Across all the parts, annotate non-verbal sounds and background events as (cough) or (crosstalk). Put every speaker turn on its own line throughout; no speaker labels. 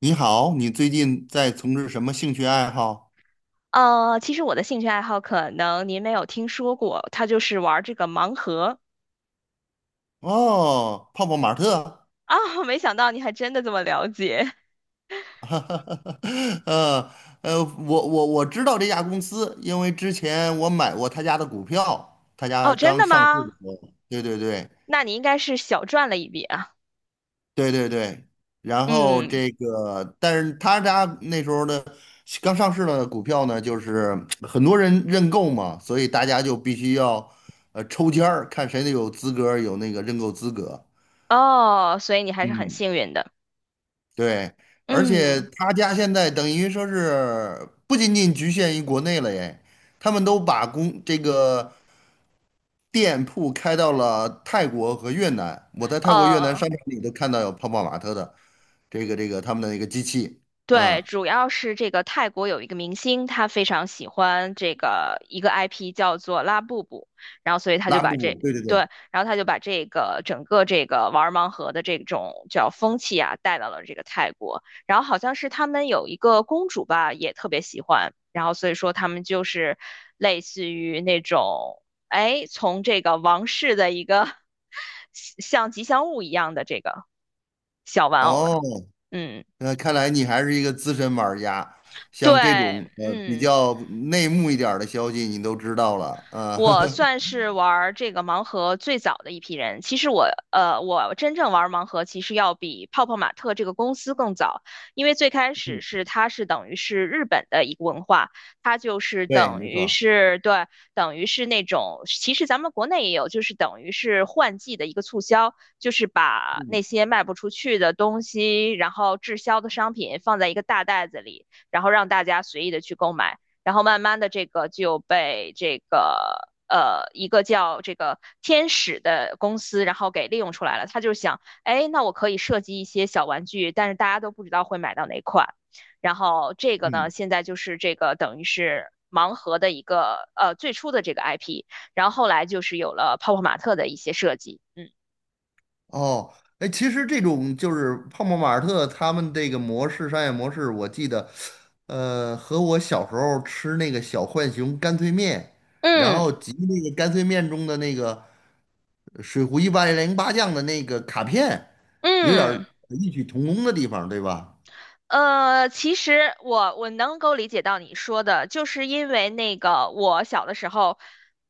你好，你最近在从事什么兴趣爱好？
其实我的兴趣爱好可能您没有听说过，他就是玩这个盲盒
哦，泡泡玛特。
啊，(laughs) 没想到你还真的这么了解。
(laughs) 呃我知道这家公司，因为之前我买过他家的股票，他
哦，
家
真
刚
的
上市的
吗？
时候，对对对
那你应该是小赚了一笔啊。
对对对。然后
嗯，
这个，但是他家那时候的刚上市的股票呢，就是很多人认购嘛，所以大家就必须要抽签儿，看谁有资格，有那个认购资格。
哦，所以你还是很
嗯。
幸运的。
对，而且
嗯，
他家现在等于说是不仅仅局限于国内了耶，他们都把公这个店铺开到了泰国和越南。我在泰国、越南
哦。
商场里都看到有泡泡玛特的这个他们的一个机器。
对，
嗯，
主要是这个泰国有一个明星，他非常喜欢这个一个 IP 叫做拉布布，然后所以他就
拉
把
布
这
布，对对对。
对，然后他就把这个整个这个玩盲盒的这种叫风气啊带到了这个泰国，然后好像是他们有一个公主吧，也特别喜欢，然后所以说他们就是类似于那种哎，从这个王室的一个 (laughs) 像吉祥物一样的这个小玩偶了，
哦，
嗯。
那看来你还是一个资深玩家，
对，
像这种比
嗯，
较内幕一点儿的消息你都知道了，啊、
我算是玩儿这个盲盒最早的一批人。其实我真正玩儿盲盒其实要比泡泡玛特这个公司更早，因为最开始
(laughs)
是它是等于是日本的一个文化，它就是
对，
等
没错
于
儿。
是对，等于是那种，其实咱们国内也有，就是等于是换季的一个促销，就是把那
嗯
些卖不出去的东西，然后滞销的商品放在一个大袋子里，然后让大家随意的去购买。然后慢慢的这个就被这个一个叫这个天使的公司，然后给利用出来了。他就想，哎，那我可以设计一些小玩具，但是大家都不知道会买到哪款。然后这个呢，
嗯。
现在就是这个等于是盲盒的一个最初的这个 IP，然后后来就是有了泡泡玛特的一些设计，嗯
哦，哎，其实这种就是泡泡玛特他们这个模式商业模式，我记得，和我小时候吃那个小浣熊干脆面，然
嗯
后集那个干脆面中的那个水浒一百零八将的那个卡片，有点
嗯。
儿异曲同工的地方，对吧？
其实我能够理解到你说的，就是因为那个我小的时候，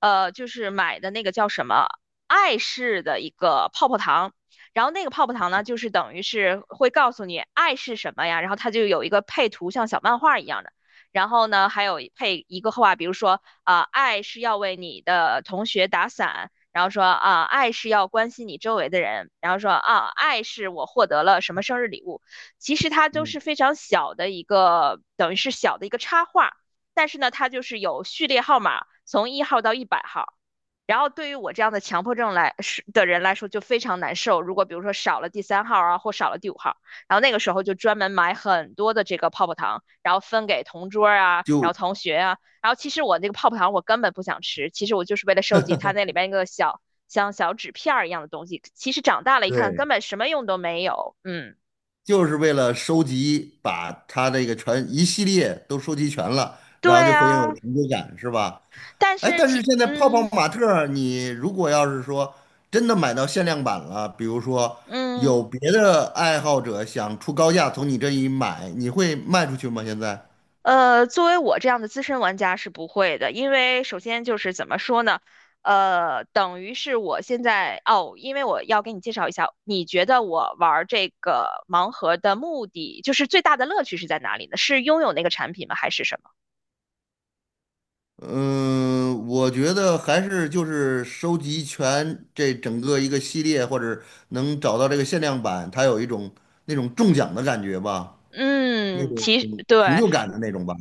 就是买的那个叫什么爱是的一个泡泡糖，然后那个泡泡糖呢，就是等于是会告诉你爱是什么呀，然后它就有一个配图，像小漫画一样的，然后呢还有配一个话，比如说啊、爱是要为你的同学打伞。然后说啊，爱是要关心你周围的人。然后说啊，爱是我获得了什么生日礼物。其实它都
嗯，
是非常小的一个，等于是小的一个插画，但是呢，它就是有序列号码，从1号到100号。然后对于我这样的强迫症来是的人来说就非常难受。如果比如说少了第三号啊，或少了第五号，然后那个时候就专门买很多的这个泡泡糖，然后分给同桌啊，然
就
后同学啊。然后其实我那个泡泡糖我根本不想吃，其实我就是为了收集它那里边一个小像小纸片一样的东西。其实长大了一看，根
对，
本什么用都没有。嗯。
就是为了收集，把他这个全一系列都收集全了，然后
对
就会有
啊，
成就感，是吧？
但
哎，
是
但是
其
现在泡泡玛特儿你如果要是说真的买到限量版了，比如说
嗯
有别的爱好者想出高价从你这里买，你会卖出去吗？现在？
作为我这样的资深玩家是不会的，因为首先就是怎么说呢，等于是我现在哦，因为我要给你介绍一下，你觉得我玩这个盲盒的目的，就是最大的乐趣是在哪里呢？是拥有那个产品吗？还是什么？
嗯，我觉得还是就是收集全这整个一个系列，或者能找到这个限量版，它有一种那种中奖的感觉吧。那
嗯，
种
其实对，
成就感的那种吧。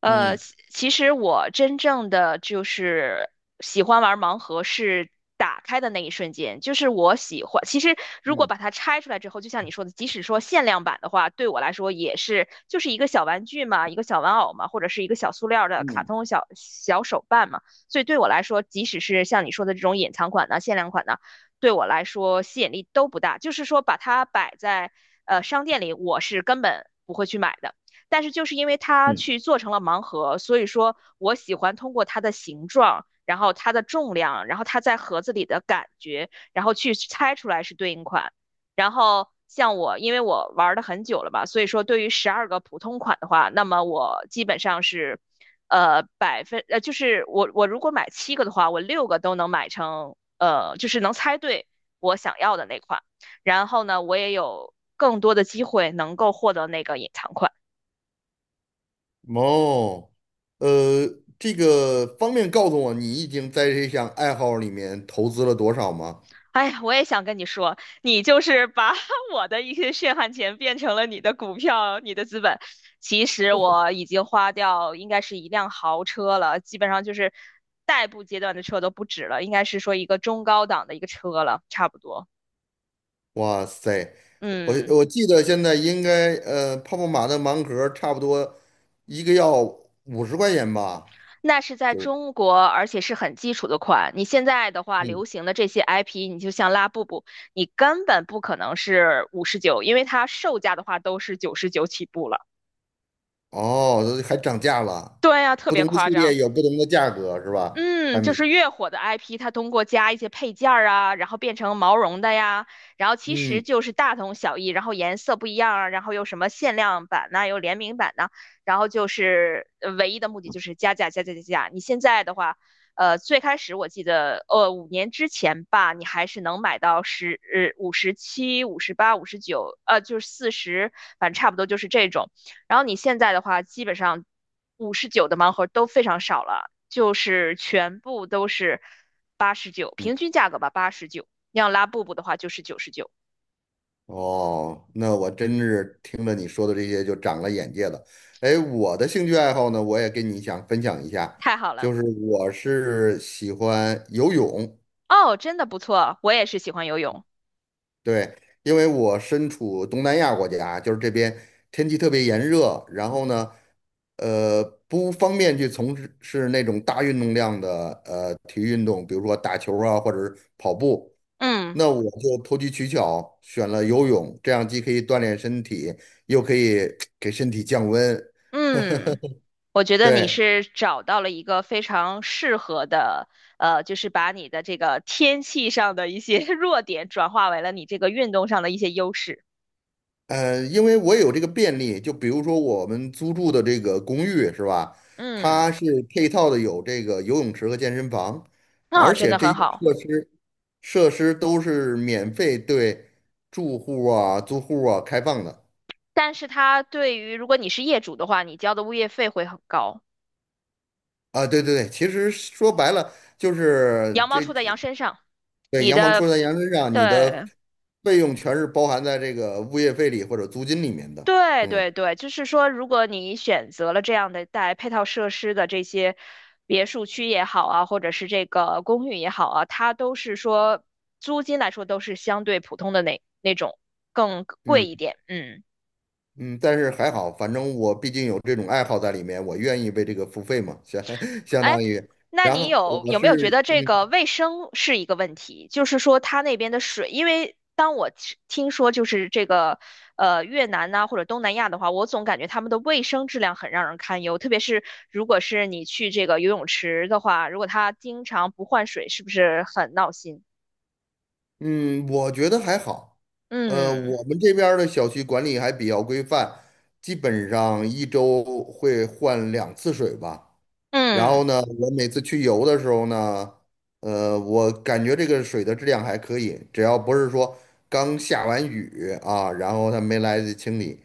嗯
其实我真正的就是喜欢玩盲盒是打开的那一瞬间，就是我喜欢。其实如果
嗯
把它拆出来之后，就像你说的，即使说限量版的话，对我来说也是就是一个小玩具嘛，一个小玩偶嘛，或者是一个小塑料的卡
嗯
通小小手办嘛。所以对我来说，即使是像你说的这种隐藏款的、限量款的，对我来说吸引力都不大。就是说把它摆在商店里，我是根本不会去买的。但是就是因为它
嗯。
去做成了盲盒，所以说我喜欢通过它的形状，然后它的重量，然后它在盒子里的感觉，然后去猜出来是对应款。然后像我，因为我玩的很久了吧，所以说对于12个普通款的话，那么我基本上是，就是我如果买七个的话，我六个都能买成，就是能猜对我想要的那款。然后呢，我也有更多的机会能够获得那个隐藏款。
哦，呃，这个方便告诉我你已经在这项爱好里面投资了多少吗？
哎呀，我也想跟你说，你就是把 (laughs) 我的一些血汗钱变成了你的股票、你的资本。其实我已经花掉应该是一辆豪车了，基本上就是代步阶段的车都不止了，应该是说一个中高档的一个车了，差不多。
哇塞，我
嗯，
我记得现在应该泡泡玛特盲盒差不多一个要50块钱吧。
那是在
就是
中国，而且是很基础的款。你现在的话，
嗯。
流行的这些 IP，你就像拉布布，你根本不可能是五十九，因为它售价的话都是九十九起步了。
哦，还涨价了，
对呀，特
不
别
同的
夸
系
张。
列有不同的价格是吧？
嗯，
产
就
品。
是越火的 IP，它通过加一些配件儿啊，然后变成毛绒的呀，然后其
嗯。
实
嗯。
就是大同小异，然后颜色不一样啊，然后有什么限量版呐、有联名版呐、然后就是唯一的目的就是加价加价加价。你现在的话，最开始我记得，5年之前吧，你还是能买到57、58、五十九，就是40，反正差不多就是这种。然后你现在的话，基本上五十九的盲盒都非常少了，就是全部都是八十九，平均价格吧，八十九。要拉布布的话就是九十九，
哦，那我真是听了你说的这些就长了眼界了。哎，我的兴趣爱好呢，我也跟你想分享一下，
太好了。
就是我是喜欢游泳。
哦，真的不错，我也是喜欢游泳。
对，因为我身处东南亚国家，就是这边天气特别炎热。然后呢，呃，不方便去从事是那种大运动量的体育运动，比如说打球啊，或者是跑步。
嗯
那我就投机取巧，选了游泳，这样既可以锻炼身体，又可以给身体降温。
嗯，我觉得你
对，
是找到了一个非常适合的，就是把你的这个天气上的一些 (laughs) 弱点转化为了你这个运动上的一些优势。
因为我也有这个便利，就比如说我们租住的这个公寓是吧？它
嗯，
是配套的有这个游泳池和健身房，
那、
而
真
且
的
这
很
些
好。
设施都是免费对住户啊、租户啊开放的。
但是它对于如果你是业主的话，你交的物业费会很高，
啊，对对对，其实说白了就是
羊毛
这。
出在羊身上。
对，
你
羊毛
的，
出在羊身上，你的
对
费用全是包含在这个物业费里或者租金里面的。
对
嗯
对对，就是说，如果你选择了这样的带配套设施的这些别墅区也好啊，或者是这个公寓也好啊，它都是说租金来说都是相对普通的那种更贵
嗯
一点，嗯。
嗯。但是还好，反正我毕竟有这种爱好在里面，我愿意为这个付费嘛，(laughs) 相
哎，
当于。
那
然
你
后
有
我
有没有觉得
是
这个
嗯
卫生是一个问题？就是说，它那边的水，因为当我吃听说就是这个越南呐、或者东南亚的话，我总感觉他们的卫生质量很让人堪忧。特别是如果是你去这个游泳池的话，如果它经常不换水，是不是很闹心？
嗯。我觉得还好。
嗯
我们这边儿的小区管理还比较规范，基本上一周会换两次水吧。然
嗯。
后呢，我每次去游的时候呢，我感觉这个水的质量还可以，只要不是说刚下完雨啊，然后它没来得及清理。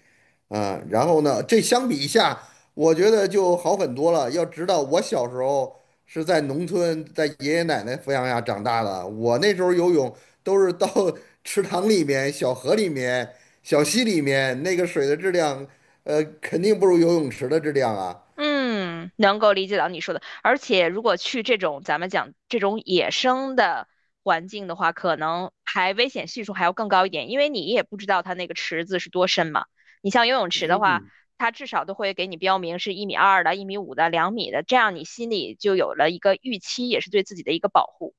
嗯。然后呢，这相比一下，我觉得就好很多了。要知道，我小时候是在农村，在爷爷奶奶抚养下长大的，我那时候游泳都是到 (laughs) 池塘里面、小河里面、小溪里面，那个水的质量，肯定不如游泳池的质量啊。
嗯，能够理解到你说的，而且如果去这种咱们讲这种野生的环境的话，可能还危险系数还要更高一点，因为你也不知道它那个池子是多深嘛。你像游泳池的话，
嗯。
它至少都会给你标明是1.2米的、1.5米的、2米的，这样你心里就有了一个预期，也是对自己的一个保护。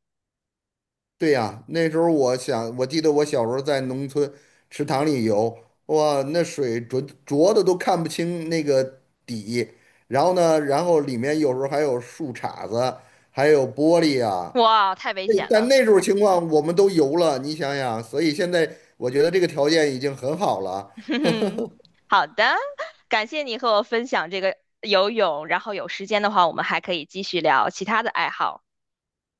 对呀，那时候我想，我记得我小时候在农村池塘里游，哇，那水浊浊的都看不清那个底。然后呢，然后里面有时候还有树杈子，还有玻璃啊。
哇，太危
那
险
但
了。
那时候情
(laughs)
况我们都游了，你想想，所以现在我觉得这个条件已经很好了。
嗯，好的，感谢你和我分享这个游泳，然后有时间的话，我们还可以继续聊其他的爱好。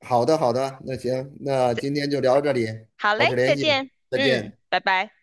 好的，好的，那行，那今天就聊到这里，
好嘞，
保持
再
联系，
见。
再
嗯，
见。
拜拜。